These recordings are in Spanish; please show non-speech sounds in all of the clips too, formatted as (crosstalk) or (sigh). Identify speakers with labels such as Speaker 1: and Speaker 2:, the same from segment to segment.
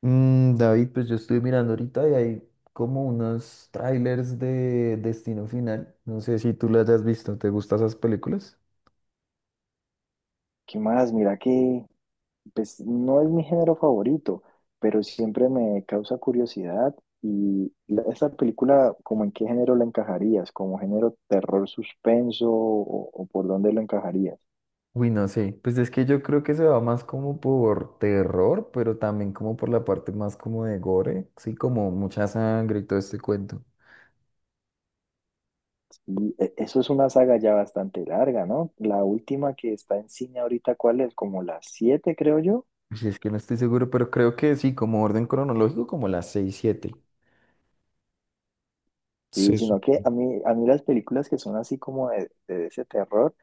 Speaker 1: David, pues yo estoy mirando ahorita y hay como unos trailers de Destino Final. No sé si tú las has visto. ¿Te gustan esas películas?
Speaker 2: ¿Qué más? Mira que pues no es mi género favorito, pero siempre me causa curiosidad. Y esta película, ¿como en qué género la encajarías? ¿Como género terror suspenso o por dónde lo encajarías?
Speaker 1: Uy, no sé. Pues es que yo creo que se va más como por terror, pero también como por la parte más como de gore. Sí, como mucha sangre y todo este cuento.
Speaker 2: Y eso es una saga ya bastante larga, ¿no? La última que está en cine ahorita, ¿cuál es? Como las siete, creo yo.
Speaker 1: Si es que no estoy seguro, pero creo que sí, como orden cronológico, como las 6, 7.
Speaker 2: Y sino que a mí las películas que son así como de ese terror,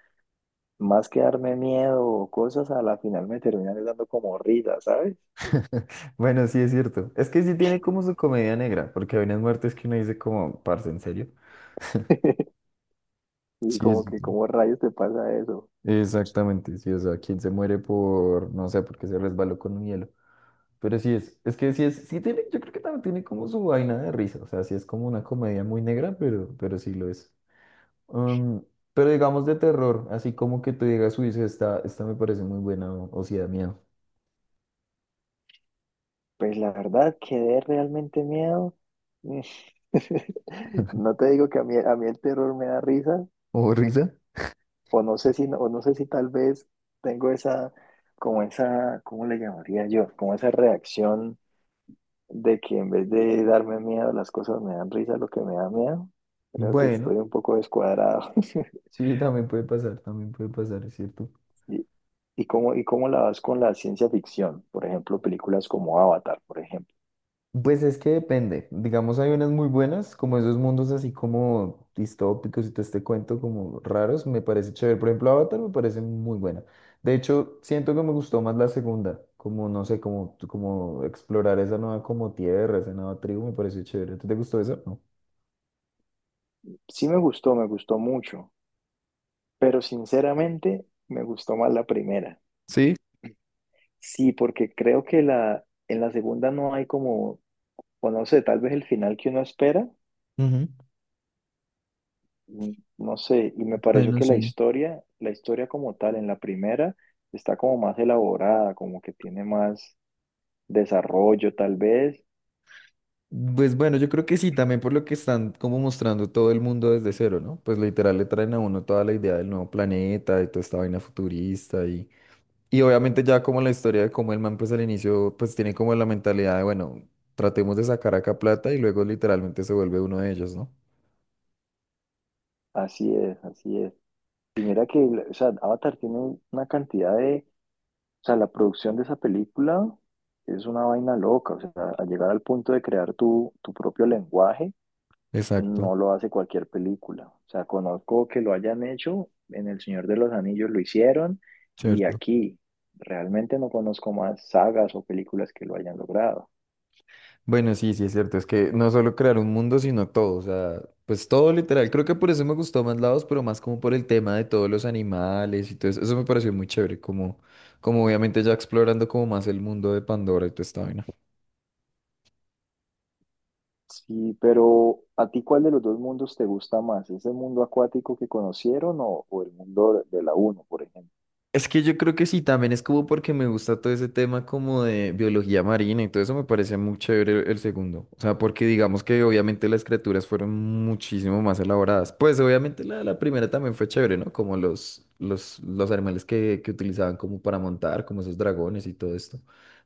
Speaker 2: más que darme miedo o cosas, a la final me terminan dando como risa, ¿sabes?
Speaker 1: (laughs) Bueno, sí es cierto. Es que sí tiene como su comedia negra, porque hay unas muertes que uno dice como, parce, ¿en serio?
Speaker 2: (laughs) Y
Speaker 1: Sí, es
Speaker 2: como que, ¿cómo rayos te pasa eso?
Speaker 1: exactamente, sí, o sea, quien se muere por, no sé, porque se resbaló con un hielo. Pero sí es que sí es, sí tiene, yo creo que también tiene como su vaina de risa, o sea, sí es como una comedia muy negra, pero sí lo es. Um, pero digamos de terror, así como que te digas, uy, sí, esta me parece muy buena, o sí da miedo.
Speaker 2: Pues la verdad, quedé realmente miedo. Mm. (laughs)
Speaker 1: (laughs)
Speaker 2: No te digo que a mí el terror me da risa,
Speaker 1: ¿O risa?
Speaker 2: o no sé si, no, o no sé si tal vez tengo esa, como esa, ¿cómo le llamaría yo? Como esa reacción de que en vez de darme miedo, las cosas me dan risa, lo que me da miedo. Creo que
Speaker 1: Bueno,
Speaker 2: estoy un poco descuadrado.
Speaker 1: sí, también puede pasar, es cierto.
Speaker 2: (laughs) ¿Y, y cómo la vas con la ciencia ficción? Por ejemplo, películas como Avatar, por ejemplo.
Speaker 1: Pues es que depende. Digamos, hay unas muy buenas, como esos mundos así como distópicos y todo este cuento como raros, me parece chévere. Por ejemplo, Avatar me parece muy buena. De hecho, siento que me gustó más la segunda, como no sé, como explorar esa nueva como tierra, esa nueva tribu, me pareció chévere. ¿Te gustó eso? No.
Speaker 2: Sí me gustó mucho, pero sinceramente me gustó más la primera.
Speaker 1: Sí,
Speaker 2: Sí, porque creo que la, en la segunda no hay como, o no sé, tal vez el final que uno espera,
Speaker 1: ujú,
Speaker 2: mm, no sé, y me pareció
Speaker 1: bueno,
Speaker 2: que la
Speaker 1: sí.
Speaker 2: historia, la historia como tal en la primera está como más elaborada, como que tiene más desarrollo tal vez.
Speaker 1: Pues bueno, yo creo que sí, también por lo que están como mostrando todo el mundo desde cero, ¿no? Pues literal le traen a uno toda la idea del nuevo planeta y toda esta vaina futurista y obviamente ya como la historia de cómo el man pues al inicio pues tiene como la mentalidad de, bueno, tratemos de sacar acá plata y luego literalmente se vuelve uno de ellos, ¿no?
Speaker 2: Así es, así es. Y mira que, o sea, Avatar tiene una cantidad de. O sea, la producción de esa película es una vaina loca. O sea, a llegar al punto de crear tu propio lenguaje,
Speaker 1: Exacto,
Speaker 2: no lo hace cualquier película. O sea, conozco que lo hayan hecho, en El Señor de los Anillos lo hicieron, y
Speaker 1: cierto.
Speaker 2: aquí realmente no conozco más sagas o películas que lo hayan logrado.
Speaker 1: Bueno, sí, sí, es cierto, es que no solo crear un mundo, sino todo, o sea, pues todo literal. Creo que por eso me gustó más lados, pero más como por el tema de todos los animales y todo eso. Eso me pareció muy chévere, como, como obviamente ya explorando como más el mundo de Pandora y toda esta vaina.
Speaker 2: Sí, pero ¿a ti cuál de los dos mundos te gusta más? ¿Ese mundo acuático que conocieron o el mundo de la uno, por ejemplo?
Speaker 1: Es que yo creo que sí, también es como porque me gusta todo ese tema como de biología marina y todo eso me parece muy chévere el segundo. O sea, porque digamos que obviamente las criaturas fueron muchísimo más elaboradas. Pues obviamente la primera también fue chévere, ¿no? Como los animales que utilizaban como para montar, como esos dragones y todo esto.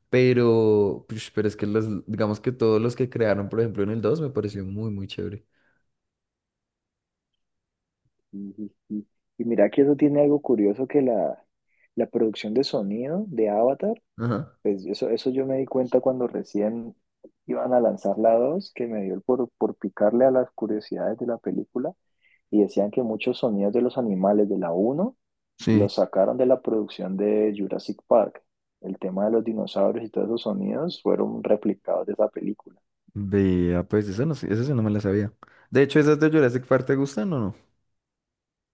Speaker 1: Pero es que los, digamos que todos los que crearon, por ejemplo, en el 2, me pareció muy, muy chévere.
Speaker 2: Sí, sí, sí. Y mira que eso tiene algo curioso que la producción de sonido de Avatar,
Speaker 1: Ajá.
Speaker 2: pues eso yo me di cuenta cuando recién iban a lanzar la dos, que me dio por picarle a las curiosidades de la película y decían que muchos sonidos de los animales de la uno
Speaker 1: Sí,
Speaker 2: los sacaron de la producción de Jurassic Park. El tema de los dinosaurios y todos esos sonidos fueron replicados de esa película.
Speaker 1: vea, pues eso no sé, eso sí no me la sabía. De hecho, ¿esas de Jurassic Park te gustan o no?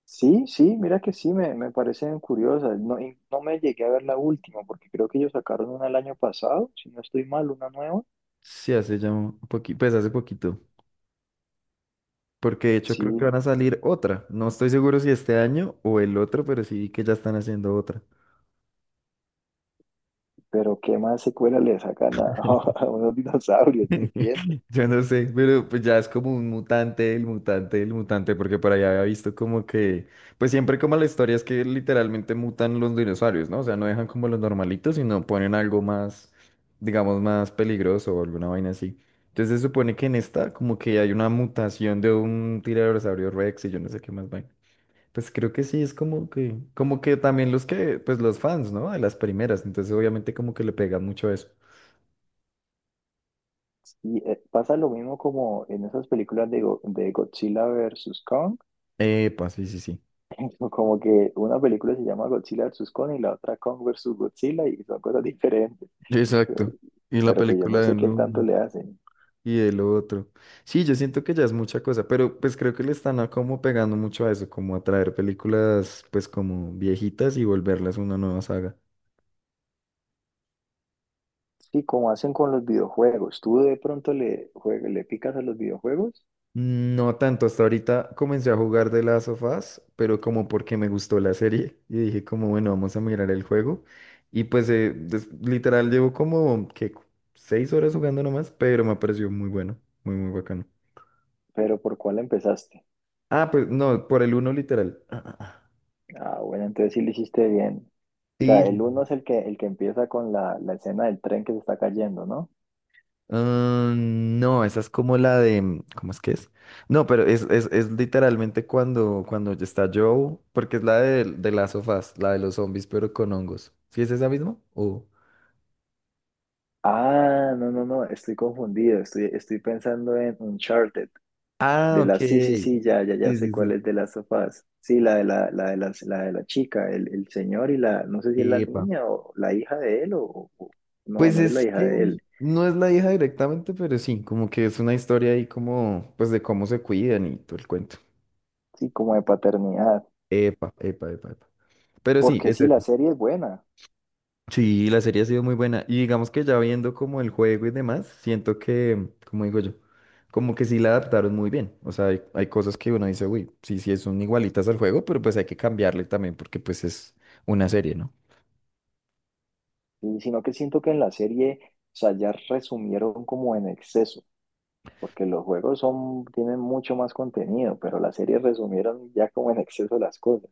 Speaker 2: Sí, sí, mira que sí, me parecen curiosas. No, y no me llegué a ver la última, porque creo que ellos sacaron una el año pasado, si no estoy mal, una nueva.
Speaker 1: Sí, hace ya un poquito, pues hace poquito, porque de hecho
Speaker 2: Sí,
Speaker 1: creo que van a salir otra. No estoy seguro si este año o el otro, pero sí vi que ya están haciendo otra.
Speaker 2: pero ¿qué más secuela le sacan a, (laughs)
Speaker 1: (laughs)
Speaker 2: a unos dinosaurios? No entiendo.
Speaker 1: Yo no sé, pero pues ya es como un mutante, el mutante, el mutante, porque por allá había visto como que, pues siempre como la historia es que literalmente mutan los dinosaurios, ¿no? O sea, no dejan como los normalitos, sino ponen algo más, digamos, más peligroso o alguna vaina así. Entonces se supone que en esta como que hay una mutación de un tiranosaurio Rex y yo no sé qué más vaina. Pues creo que sí, es como que también los que, pues los fans, ¿no? De las primeras, entonces obviamente como que le pegan mucho eso.
Speaker 2: Y pasa lo mismo como en esas películas de, de Godzilla versus Kong,
Speaker 1: Epa, sí, sí, sí.
Speaker 2: (laughs) como que una película se llama Godzilla versus Kong y la otra Kong versus Godzilla y son cosas diferentes. Eh,
Speaker 1: Exacto. Y la
Speaker 2: Pero pues yo
Speaker 1: película
Speaker 2: no
Speaker 1: de
Speaker 2: sé qué tanto
Speaker 1: uno
Speaker 2: le hacen.
Speaker 1: y el otro. Sí, yo siento que ya es mucha cosa, pero pues creo que le están a como pegando mucho a eso, como a traer películas pues como viejitas y volverlas una nueva saga.
Speaker 2: Sí, como hacen con los videojuegos. Tú de pronto le picas a los videojuegos,
Speaker 1: No tanto, hasta ahorita comencé a jugar de las sofás, pero como porque me gustó la serie y dije como bueno, vamos a mirar el juego y pues literal llevo como que 6 horas jugando nomás, pero me pareció muy bueno, muy muy bacano.
Speaker 2: pero ¿por cuál empezaste?
Speaker 1: Ah, pues no, por el uno literal. Ah, ah, ah.
Speaker 2: Ah, bueno, entonces sí lo hiciste bien. O
Speaker 1: Sí,
Speaker 2: sea, el
Speaker 1: sí, sí.
Speaker 2: uno es el que empieza con la escena del tren que se está cayendo, ¿no?
Speaker 1: Ah, no, esa es como la de, ¿cómo es que es? No, pero es literalmente cuando, cuando ya está Joe, porque es la de, las sofás, la de los zombies, pero con hongos. ¿Sí es esa misma?
Speaker 2: Ah, no, no, no, estoy confundido. Estoy pensando en Uncharted.
Speaker 1: Ah,
Speaker 2: De
Speaker 1: ok.
Speaker 2: la, sí, sí,
Speaker 1: Sí,
Speaker 2: sí, ya, ya, ya sé
Speaker 1: sí,
Speaker 2: cuál
Speaker 1: sí.
Speaker 2: es de las sofás. Sí, la de la la, de la chica, el señor y la, no sé si es la
Speaker 1: Epa.
Speaker 2: niña o la hija de él no,
Speaker 1: Pues
Speaker 2: no es la
Speaker 1: es
Speaker 2: hija
Speaker 1: que
Speaker 2: de él.
Speaker 1: no es la hija directamente, pero sí, como que es una historia ahí como, pues de cómo se cuidan y todo el cuento.
Speaker 2: Sí, como de paternidad.
Speaker 1: Epa, epa, epa, epa. Pero sí,
Speaker 2: Porque
Speaker 1: es
Speaker 2: sí, la
Speaker 1: ese.
Speaker 2: serie es buena,
Speaker 1: Sí, la serie ha sido muy buena. Y digamos que ya viendo como el juego y demás, siento que, como digo yo, como que sí la adaptaron muy bien. O sea, hay cosas que uno dice, uy, sí, sí, son igualitas al juego, pero pues hay que cambiarle también porque pues es una serie, ¿no?
Speaker 2: sino que siento que en la serie, o sea, ya resumieron como en exceso, porque los juegos son, tienen mucho más contenido, y resumieron ya como en exceso las cosas.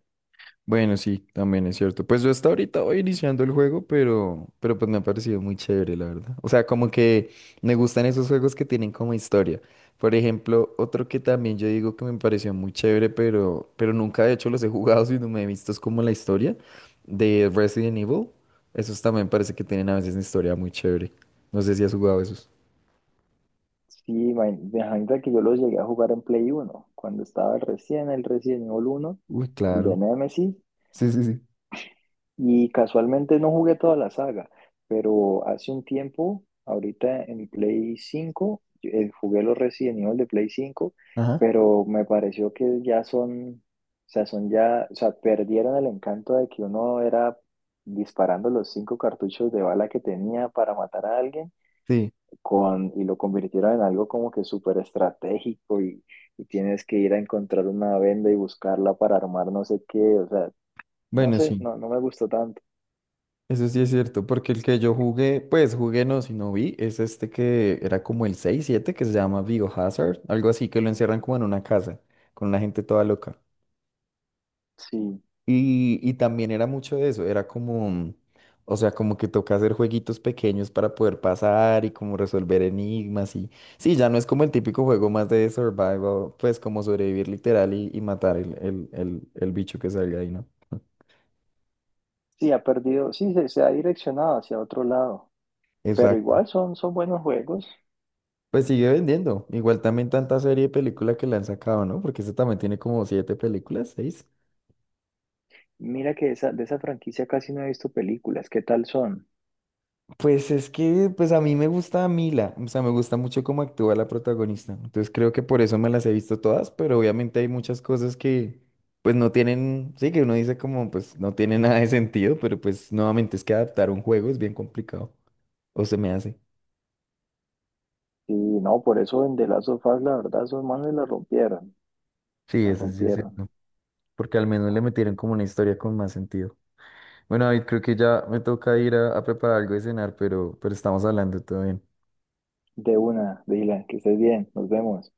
Speaker 1: Bueno, sí, también es cierto. Pues yo hasta ahorita voy iniciando el juego, pero pues me ha parecido muy chévere, la verdad. O sea, como que me gustan esos juegos que tienen como historia. Por ejemplo, otro que también yo digo que me pareció muy chévere, pero nunca de hecho los he jugado, (laughs) sino me he visto es como la historia de Resident Evil. Esos también parece que tienen a veces una historia muy chévere. No sé si has jugado esos.
Speaker 2: Sí, imagínate que yo los llegué a jugar en Play uno cuando estaba el recién, el Resident Evil 1,
Speaker 1: Uy,
Speaker 2: el de
Speaker 1: claro.
Speaker 2: Nemesis.
Speaker 1: Sí, sí, sí.
Speaker 2: Y casualmente no jugué toda la saga, pero hace un tiempo, ahorita en mi Play 5 jugué los Resident Evil de Play cinco,
Speaker 1: Ajá.
Speaker 2: pero me pareció que ya son, o sea, son ya, o sea, perdieron el encanto de que uno era disparando los cinco cartuchos de bala que tenía para matar a alguien
Speaker 1: Sí,
Speaker 2: con, y lo convirtieron en algo como que súper estratégico y tienes que ir a encontrar una venda y buscarla para armar no sé qué, o sea, no
Speaker 1: bueno,
Speaker 2: sé,
Speaker 1: sí.
Speaker 2: no, no me gustó tanto.
Speaker 1: Eso sí es cierto, porque el que yo jugué, pues jugué no, sino vi, es este que era como el 6, 7 que se llama Biohazard, algo así, que lo encierran como en una casa, con una gente toda loca.
Speaker 2: Sí.
Speaker 1: Y también era mucho de eso, era como, o sea, como que toca hacer jueguitos pequeños para poder pasar y como resolver enigmas y... Sí, ya no es como el típico juego más de survival, pues como sobrevivir literal y matar el bicho que salga ahí, ¿no?
Speaker 2: Sí, ha perdido, sí, se ha direccionado hacia otro lado, pero
Speaker 1: (laughs)
Speaker 2: igual son, son buenos juegos.
Speaker 1: Pues sigue vendiendo. Igual también tanta serie y película que le han sacado, ¿no? Porque este también tiene como 7 películas, 6.
Speaker 2: Mira que esa, de esa franquicia casi no he visto películas, ¿qué tal son?
Speaker 1: Pues es que, pues a mí me gusta Mila, o sea, me gusta mucho cómo actúa la protagonista. Entonces creo que por eso me las he visto todas, pero obviamente hay muchas cosas que, pues no tienen, sí, que uno dice como, pues no tiene (laughs) nada de sentido, pero pues nuevamente es que adaptar un juego es bien complicado, o se me hace.
Speaker 2: Y no, por eso en The Last of Us, la verdad, esos manes la rompieron,
Speaker 1: Sí,
Speaker 2: la
Speaker 1: eso sí es
Speaker 2: rompieron.
Speaker 1: cierto, porque al menos le metieron como una historia con más sentido. Bueno, David, creo que ya me toca ir a preparar algo de cenar, pero estamos hablando, todo bien.
Speaker 2: De una, Dylan, que estés bien, nos vemos.